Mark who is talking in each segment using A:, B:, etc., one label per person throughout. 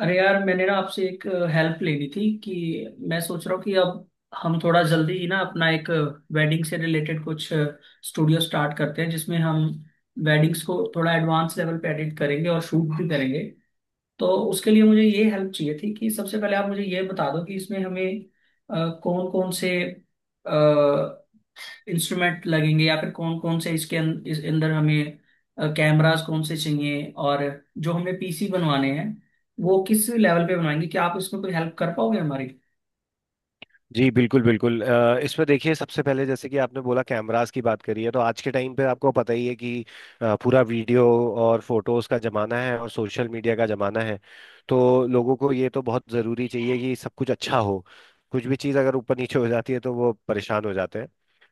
A: अरे यार, मैंने ना आपसे एक हेल्प लेनी थी कि मैं सोच रहा हूँ कि अब हम थोड़ा जल्दी ही ना अपना एक वेडिंग से रिलेटेड कुछ स्टूडियो स्टार्ट करते हैं, जिसमें हम वेडिंग्स को थोड़ा एडवांस लेवल पे एडिट करेंगे और शूट भी करेंगे। तो उसके लिए मुझे ये हेल्प चाहिए थी कि सबसे पहले आप मुझे ये बता दो कि इसमें हमें कौन कौन से इंस्ट्रूमेंट लगेंगे, या फिर कौन कौन से इसके इस अंदर हमें कैमरास कौन से चाहिए, और जो हमें पीसी बनवाने हैं वो किस लेवल पे बनवाएंगे। क्या आप इसमें कोई हेल्प कर पाओगे हमारी?
B: जी बिल्कुल बिल्कुल। इस पर देखिए, सबसे पहले जैसे कि आपने बोला कैमरास की बात करी है, तो आज के टाइम पे आपको पता ही है कि पूरा वीडियो और फोटोज का जमाना है और सोशल मीडिया का जमाना है। तो लोगों को ये तो बहुत जरूरी चाहिए कि सब कुछ अच्छा हो। कुछ भी चीज़ अगर ऊपर नीचे हो जाती है तो वो परेशान हो जाते हैं।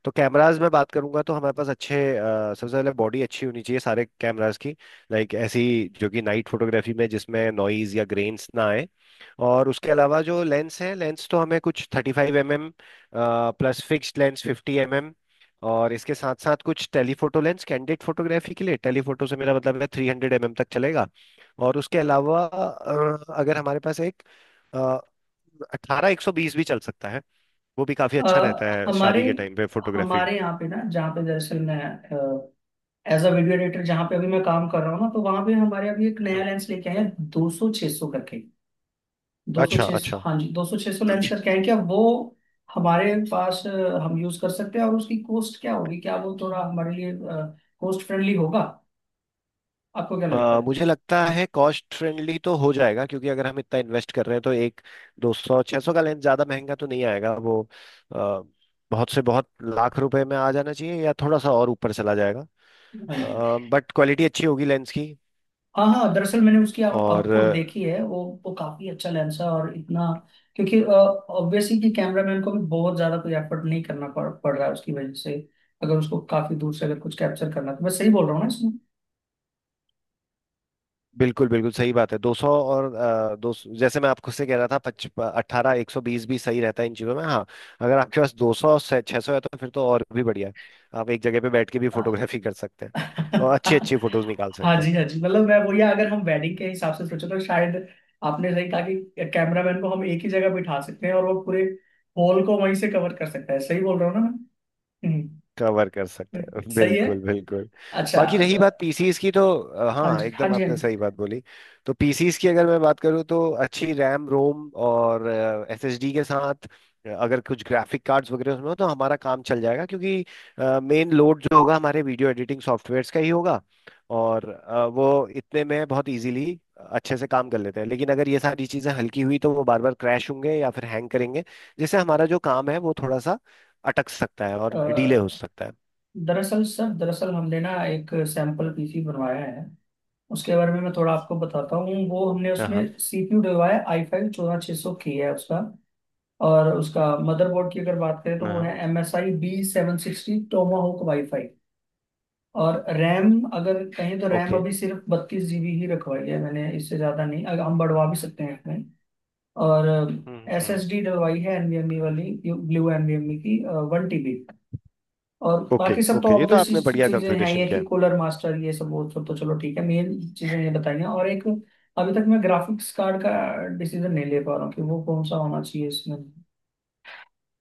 B: तो कैमराज में बात करूंगा तो हमारे पास अच्छे सबसे पहले बॉडी अच्छी होनी चाहिए सारे कैमराज की। लाइक ऐसी जो कि नाइट फोटोग्राफी में जिसमें नॉइज या ग्रेन्स ना आए। और उसके अलावा जो लेंस है, लेंस तो हमें कुछ 35 mm plus fixed lens 50 mm, और इसके साथ साथ कुछ टेलीफोटो लेंस कैंडिड फोटोग्राफी के लिए। टेलीफोटो से मेरा मतलब है 300 mm तक चलेगा। और उसके अलावा अगर हमारे पास एक 18-120 भी चल सकता है, वो भी काफी
A: अ,
B: अच्छा रहता है
A: हमारे
B: शादी के टाइम पे फोटोग्राफी।
A: हमारे यहाँ पे ना, जहाँ पे दरअसल मैं एज अ वीडियो एडिटर जहाँ पे अभी मैं काम कर रहा हूँ ना, तो वहाँ पे हमारे अभी एक नया लेंस लेके आए हैं, 200-600 करके। दो सौ
B: अच्छा
A: छह सौ,
B: अच्छा।
A: हाँ जी, 200-600 लेंस का क्या है, क्या वो हमारे पास हम यूज कर सकते हैं? और उसकी कॉस्ट क्या होगी, क्या वो थोड़ा हमारे लिए कॉस्ट फ्रेंडली होगा? आपको क्या लगता है?
B: मुझे लगता है कॉस्ट फ्रेंडली तो हो जाएगा, क्योंकि अगर हम इतना इन्वेस्ट कर रहे हैं तो एक 200-600 का लेंस ज़्यादा महंगा तो नहीं आएगा वो। अ, बहुत से बहुत लाख रुपए में आ जाना चाहिए, या थोड़ा सा और ऊपर चला जाएगा।
A: हाँ जी।
B: बट क्वालिटी अच्छी होगी लेंस की।
A: हाँ हाँ, दरअसल मैंने उसकी
B: और
A: आउटपुट देखी है, वो काफी अच्छा लेंस है। और इतना क्योंकि ऑब्वियसली कि कैमरामैन को भी बहुत ज्यादा कोई एफर्ट नहीं करना पड़ पड़ रहा है उसकी वजह से, अगर उसको काफी दूर से अगर कुछ कैप्चर करना है। तो मैं सही बोल रहा हूँ ना?
B: बिल्कुल बिल्कुल सही बात है। दो सौ और अ, दो सौ- जैसे मैं आपको से कह रहा था पच 18-120 भी सही रहता है इन चीज़ों में, हाँ। अगर आपके पास 200-600 है तो फिर तो और भी बढ़िया है। आप एक जगह पे बैठ के भी
A: इसमें
B: फोटोग्राफी कर सकते हैं और अच्छी अच्छी फोटोज निकाल
A: हाँ
B: सकते हैं।
A: जी, हाँ जी, मतलब मैं वही, अगर हम वेडिंग के हिसाब से सोचे तो शायद आपने सही कहा कि कैमरामैन को हम एक ही जगह बिठा सकते हैं और वो पूरे हॉल को वहीं से कवर कर सकता है। सही बोल रहा हूँ ना मैं? हम्म,
B: कवर कर सकता है
A: सही है।
B: बिल्कुल बिल्कुल।
A: अच्छा।
B: बाकी रही बात पीसीस की, तो
A: हाँ
B: हाँ
A: जी, हाँ
B: एकदम
A: जी, हाँ
B: आपने
A: जी।
B: सही बात बोली। तो पीसीस की अगर मैं बात करूँ तो अच्छी रैम, रोम और एसएसडी के साथ अगर कुछ ग्राफिक कार्ड्स वगैरह उसमें हो तो हमारा काम चल जाएगा, क्योंकि मेन लोड जो होगा हमारे वीडियो एडिटिंग सॉफ्टवेयर्स का ही होगा। और वो इतने में बहुत इजीली अच्छे से काम कर लेते हैं, लेकिन अगर ये सारी चीज़ें हल्की हुई तो वो बार बार क्रैश होंगे या फिर हैंग करेंगे। जिससे हमारा जो काम है वो थोड़ा सा अटक सकता है और डिले हो
A: अ,
B: सकता है।
A: दरअसल सर, दरअसल हमने ना एक सैंपल पीसी बनवाया है, उसके बारे में मैं थोड़ा आपको बताता हूँ। वो हमने
B: हाँ हाँ
A: उसमें सीपीयू डलवाया i5-14600K है उसका। और उसका मदरबोर्ड की अगर बात करें तो वो
B: हाँ,
A: है एम एस आई B760 टोमाहोक वाईफाई। और रैम अगर कहें तो रैम
B: ओके।
A: अभी सिर्फ 32 GB ही रखवाई है मैंने, इससे ज़्यादा नहीं। अगर हम बढ़वा भी सकते हैं इसमें। और एस
B: हम्म।
A: एस डी डलवाई है NVMe वाली, ब्लू NVMe की, 1 TB। और
B: ओके
A: बाकी सब तो
B: ओके, ये तो
A: ऑब्वियस
B: आपने बढ़िया
A: चीज़ें हैं
B: कॉन्फ़िगरेशन
A: ये
B: किया
A: कि
B: है।
A: कूलर मास्टर, ये सब, वो सब तो चलो ठीक है। मेन चीज़ें ये बताई हैं। और एक, अभी तक मैं ग्राफिक्स कार्ड का डिसीजन नहीं ले पा रहा हूँ कि वो कौन सा होना चाहिए इसमें।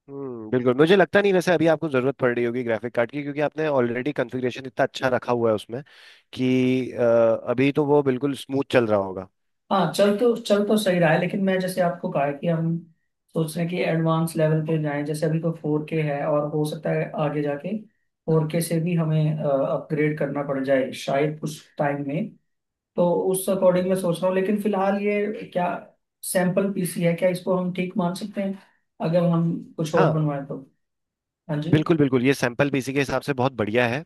B: हम्म, बिल्कुल। मुझे लगता नहीं वैसे अभी आपको जरूरत पड़ रही होगी ग्राफिक कार्ड की, क्योंकि आपने ऑलरेडी कॉन्फ़िगरेशन इतना अच्छा रखा हुआ है उसमें कि अभी तो वो बिल्कुल स्मूथ चल रहा होगा।
A: हाँ, चल तो सही रहा है, लेकिन मैं जैसे आपको कहा है कि हम सोच रहे हैं कि एडवांस लेवल पे जाएं। जैसे अभी तो 4K है और हो सकता है आगे जाके 4K से भी हमें अपग्रेड करना पड़ जाए शायद कुछ टाइम में। तो उस
B: हम्म
A: अकॉर्डिंग मैं
B: हम्म।
A: सोच रहा हूँ। लेकिन फिलहाल ये क्या सैंपल पीसी है, क्या इसको हम ठीक मान सकते हैं अगर हम कुछ और
B: हाँ
A: बनवाएं तो? हाँ जी।
B: बिल्कुल बिल्कुल, ये सैंपल भी इसी के हिसाब से बहुत बढ़िया है।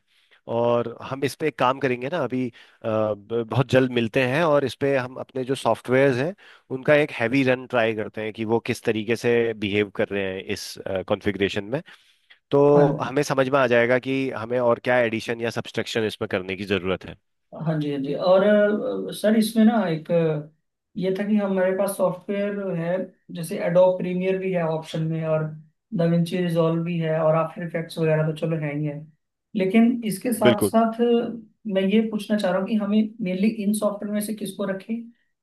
B: और हम इस पे एक काम करेंगे ना अभी, बहुत जल्द मिलते हैं और इस पे हम अपने जो सॉफ्टवेयर्स हैं उनका एक हैवी रन ट्राई करते हैं कि वो किस तरीके से बिहेव कर रहे हैं इस कॉन्फ़िगरेशन में। तो
A: हाँ,
B: हमें समझ में आ जाएगा कि हमें और क्या एडिशन या सब्सट्रैक्शन इसमें करने की ज़रूरत है।
A: हाँ जी, हाँ जी। और सर, इसमें ना एक ये था कि हमारे पास सॉफ्टवेयर है जैसे एडोब प्रीमियर भी है ऑप्शन में, और दाविंची रिजॉल्व भी है, और आफ्टर इफेक्ट्स वगैरह तो चलो है ही है। लेकिन इसके साथ
B: बिल्कुल।
A: साथ मैं ये पूछना चाह रहा हूँ कि हमें मेनली इन सॉफ्टवेयर में से किसको रखें?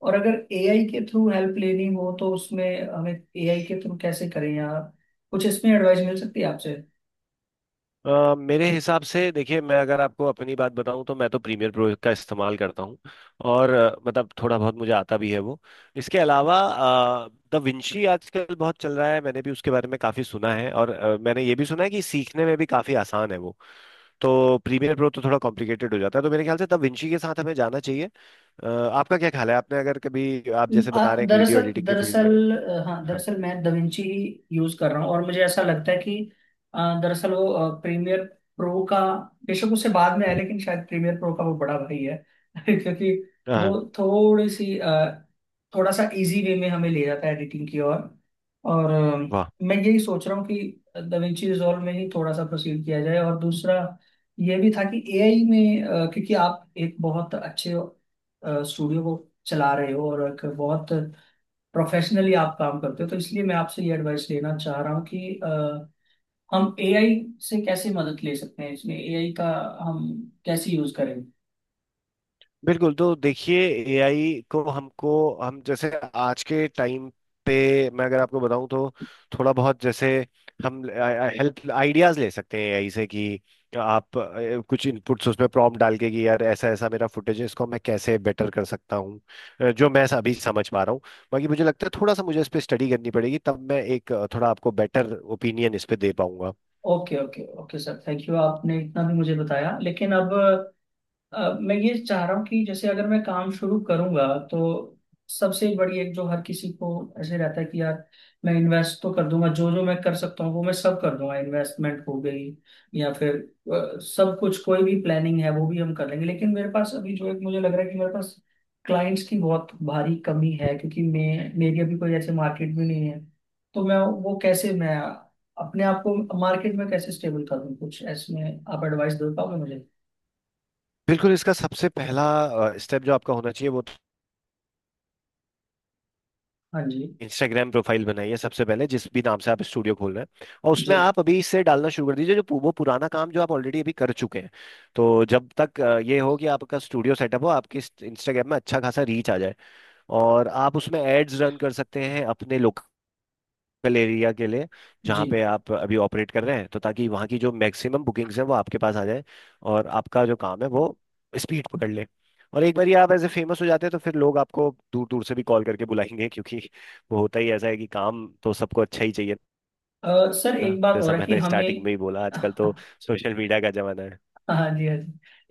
A: और अगर एआई के थ्रू हेल्प लेनी हो तो उसमें हमें एआई के थ्रू कैसे करें, या कुछ इसमें एडवाइस मिल सकती है आपसे?
B: मेरे हिसाब से देखिए, मैं अगर आपको अपनी बात बताऊं तो मैं तो प्रीमियर प्रो का इस्तेमाल करता हूं। और मतलब थोड़ा बहुत मुझे आता भी है वो। इसके अलावा द विंची आजकल बहुत चल रहा है, मैंने भी उसके बारे में काफ़ी सुना है और मैंने ये भी सुना है कि सीखने में भी काफ़ी आसान है वो। तो प्रीमियर प्रो तो थोड़ा कॉम्प्लिकेटेड हो जाता है, तो मेरे ख्याल से द विंची के साथ हमें जाना चाहिए। आपका क्या ख्याल है? आपने अगर कभी, आप जैसे बता
A: आ,
B: रहे हैं कि वीडियो
A: दरअसल
B: एडिटिंग के फील्ड में।
A: दरअसल अ, हाँ,
B: हाँ
A: दरअसल मैं दविंची ही यूज कर रहा हूँ, और मुझे ऐसा लगता है कि दरअसल वो प्रीमियर प्रो का बेशक उससे बाद में है, लेकिन शायद प्रीमियर प्रो का वो बड़ा भाई है क्योंकि वो
B: हाँ,
A: थोड़ी सी थोड़ा सा इजी वे में हमें ले जाता है एडिटिंग की ओर। और
B: वाह।
A: मैं यही सोच रहा हूँ कि दविंची रिजॉल्व में ही थोड़ा सा प्रोसीड किया जाए। और दूसरा ये भी था कि एआई में, क्योंकि आप एक बहुत अच्छे स्टूडियो चला रहे हो, और एक बहुत प्रोफेशनली आप काम करते हो, तो इसलिए मैं आपसे ये एडवाइस लेना चाह रहा हूँ कि हम एआई से कैसे मदद ले सकते हैं, इसमें एआई का हम कैसे यूज करें?
B: बिल्कुल, तो देखिए एआई को हमको, हम जैसे आज के टाइम पे, मैं अगर आपको बताऊं तो थोड़ा बहुत जैसे हम हेल्प आइडियाज ले सकते हैं एआई से कि आप कुछ इनपुट्स उसमें प्रॉम्प्ट डाल के कि यार ऐसा ऐसा मेरा फुटेज है, इसको मैं कैसे बेटर कर सकता हूँ। जो मैं अभी समझ पा रहा हूँ, बाकी मुझे लगता है थोड़ा सा मुझे इस पे स्टडी करनी पड़ेगी तब मैं एक थोड़ा आपको बेटर ओपिनियन इस पे दे पाऊंगा।
A: Okay, okay, okay sir, thank you. आपने इतना भी मुझे बताया, लेकिन अब मैं ये चाह रहा हूँ कि जैसे अगर मैं काम शुरू करूंगा, तो सबसे बड़ी एक जो हर किसी को ऐसे रहता है कि यार, मैं इन्वेस्ट तो कर दूंगा, जो जो मैं कर सकता हूँ वो मैं सब कर दूंगा, इन्वेस्टमेंट हो गई, या फिर सब कुछ कोई भी प्लानिंग है वो भी हम कर लेंगे, लेकिन मेरे पास अभी जो एक मुझे लग रहा है कि मेरे पास क्लाइंट्स की बहुत भारी कमी है, क्योंकि मैं मेरी अभी कोई ऐसे मार्केट भी नहीं है। तो मैं वो कैसे मैं अपने आप को मार्केट में कैसे स्टेबल करूँ, कुछ ऐसे में आप एडवाइस दे पाओगे मुझे?
B: बिल्कुल, इसका सबसे पहला स्टेप जो आपका होना चाहिए वो,
A: हाँ जी।
B: इंस्टाग्राम प्रोफाइल बनाइए सबसे पहले, जिस भी नाम से आप स्टूडियो खोल रहे हैं, और उसमें
A: जी
B: आप अभी इससे डालना शुरू कर दीजिए जो वो पुराना काम जो आप ऑलरेडी अभी कर चुके हैं। तो जब तक ये हो कि आपका स्टूडियो सेटअप हो, आपकी इंस्टाग्राम में अच्छा खासा रीच आ जाए और आप उसमें एड्स रन कर सकते हैं अपने लोकल एरिया के लिए
A: जी
B: जहाँ पे आप अभी ऑपरेट कर रहे हैं, तो ताकि वहाँ की जो मैक्सिमम बुकिंग्स हैं वो आपके पास आ जाए और आपका जो काम है वो स्पीड पकड़ ले। और एक बार ये आप ऐसे फेमस हो जाते हैं तो फिर लोग आपको दूर दूर से भी कॉल करके बुलाएंगे, क्योंकि वो होता ही ऐसा है कि काम तो सबको अच्छा ही चाहिए
A: सर
B: ना।
A: एक बात हो
B: जैसा
A: रहा है कि
B: मैंने
A: हमें
B: स्टार्टिंग में ही बोला, आजकल तो
A: हाँ
B: सोशल मीडिया का जमाना है।
A: जी, हाँ जी,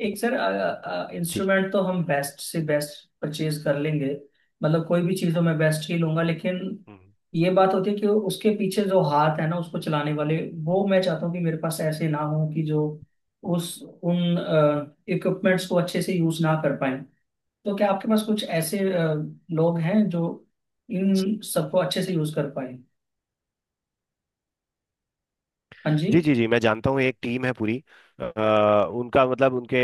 A: एक सर,
B: जी।
A: इंस्ट्रूमेंट तो हम बेस्ट से बेस्ट परचेज कर लेंगे, मतलब कोई भी चीज़ तो मैं बेस्ट ही लूंगा। लेकिन
B: हम्म।
A: ये बात होती है कि उसके पीछे जो हाथ है ना, उसको चलाने वाले, वो मैं चाहता हूँ कि मेरे पास ऐसे ना हो कि जो उस उन इक्विपमेंट्स को अच्छे से यूज ना कर पाए। तो क्या आपके पास कुछ ऐसे लोग हैं जो इन सबको अच्छे से यूज कर पाए? हाँ जी।
B: जी जी जी, मैं जानता हूँ, एक टीम है पूरी। उनका मतलब, उनके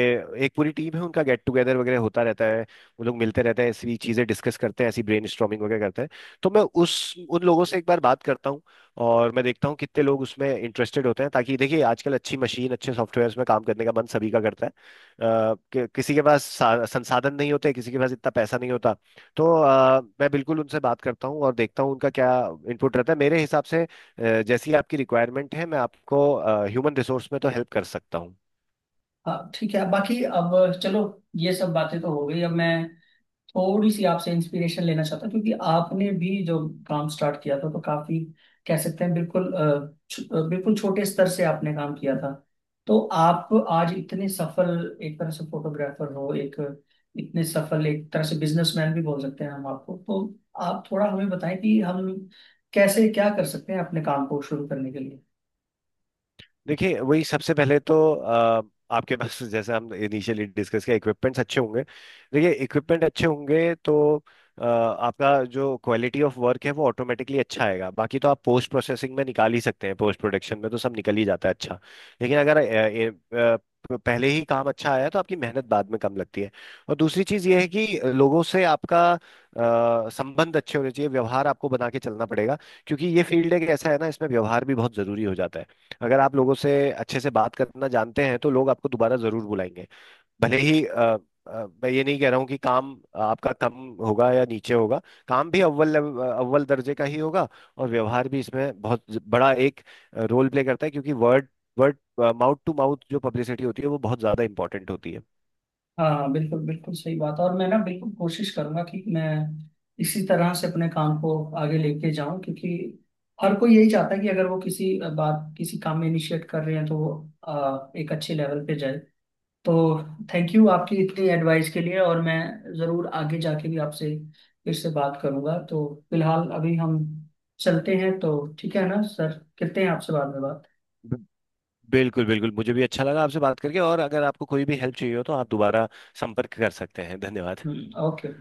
B: एक पूरी टीम है, उनका गेट टुगेदर वगैरह होता रहता है। वो लोग मिलते रहते हैं, ऐसी चीज़ें डिस्कस करते हैं, ऐसी ब्रेनस्टॉर्मिंग वगैरह करते हैं। तो मैं उस उन लोगों से एक बार बात करता हूँ और मैं देखता हूँ कितने लोग उसमें इंटरेस्टेड होते हैं, ताकि देखिए आजकल अच्छी मशीन अच्छे सॉफ्टवेयर में काम करने का मन सभी का करता है। किसी के पास संसाधन नहीं होते, किसी के पास इतना पैसा नहीं होता। तो मैं बिल्कुल उनसे बात करता हूँ और देखता हूँ उनका क्या इनपुट रहता है। मेरे हिसाब से जैसी आपकी रिक्वायरमेंट है, मैं आपको ह्यूमन रिसोर्स में तो हेल्प कर सकता हूँ।
A: हाँ ठीक है, बाकी अब चलो ये सब बातें तो हो गई। अब मैं थोड़ी सी आपसे इंस्पिरेशन लेना चाहता हूँ, क्योंकि आपने भी जो काम स्टार्ट किया था तो काफी कह सकते हैं बिल्कुल, बिल्कुल छोटे स्तर से आपने काम किया था। तो आप आज इतने सफल एक तरह से फोटोग्राफर हो, एक इतने सफल एक तरह से बिजनेसमैन भी बोल सकते हैं हम आपको। तो आप थोड़ा हमें बताएं कि हम कैसे क्या कर सकते हैं अपने काम को शुरू करने के लिए?
B: देखिए, वही सबसे पहले तो आपके पास जैसे हम इनिशियली डिस्कस किया, इक्विपमेंट्स अच्छे होंगे। देखिए, इक्विपमेंट अच्छे होंगे तो आपका जो क्वालिटी ऑफ वर्क है वो ऑटोमेटिकली अच्छा आएगा, बाकी तो आप पोस्ट प्रोसेसिंग में निकाल ही सकते हैं, पोस्ट प्रोडक्शन में तो सब निकल ही जाता है अच्छा। लेकिन अगर अ, पहले ही काम अच्छा आया तो आपकी मेहनत बाद में कम लगती है। और दूसरी चीज ये है कि लोगों से आपका संबंध अच्छे होने चाहिए, व्यवहार आपको बना के चलना पड़ेगा। क्योंकि ये फील्ड एक ऐसा है ना, इसमें व्यवहार भी बहुत जरूरी हो जाता है। अगर आप लोगों से अच्छे से बात करना जानते हैं तो लोग आपको दोबारा जरूर बुलाएंगे। भले ही मैं ये नहीं कह रहा हूँ कि काम आपका कम होगा या नीचे होगा। काम भी अव्वल दर्जे का ही होगा। और व्यवहार भी इसमें बहुत बड़ा एक रोल प्ले करता है, क्योंकि word word mouth to mouth जो पब्लिसिटी होती है वो बहुत ज्यादा इंपॉर्टेंट होती है।
A: हाँ, बिल्कुल बिल्कुल सही बात है। और मैं ना बिल्कुल कोशिश करूंगा कि मैं इसी तरह से अपने काम को आगे लेके जाऊं, क्योंकि हर कोई यही चाहता है कि अगर वो किसी बात किसी काम में इनिशिएट कर रहे हैं तो वो एक अच्छे लेवल पे जाए। तो थैंक यू आपकी इतनी एडवाइस के लिए, और मैं ज़रूर आगे जाके भी आपसे फिर से बात करूंगा। तो फिलहाल अभी हम चलते हैं तो। ठीक है ना सर, करते हैं आपसे बाद में बात।
B: ब- बिल्कुल बिल्कुल, मुझे भी अच्छा लगा आपसे बात करके। और अगर आपको कोई भी हेल्प चाहिए हो तो आप दोबारा संपर्क कर सकते हैं। धन्यवाद।
A: हम्म, ओके।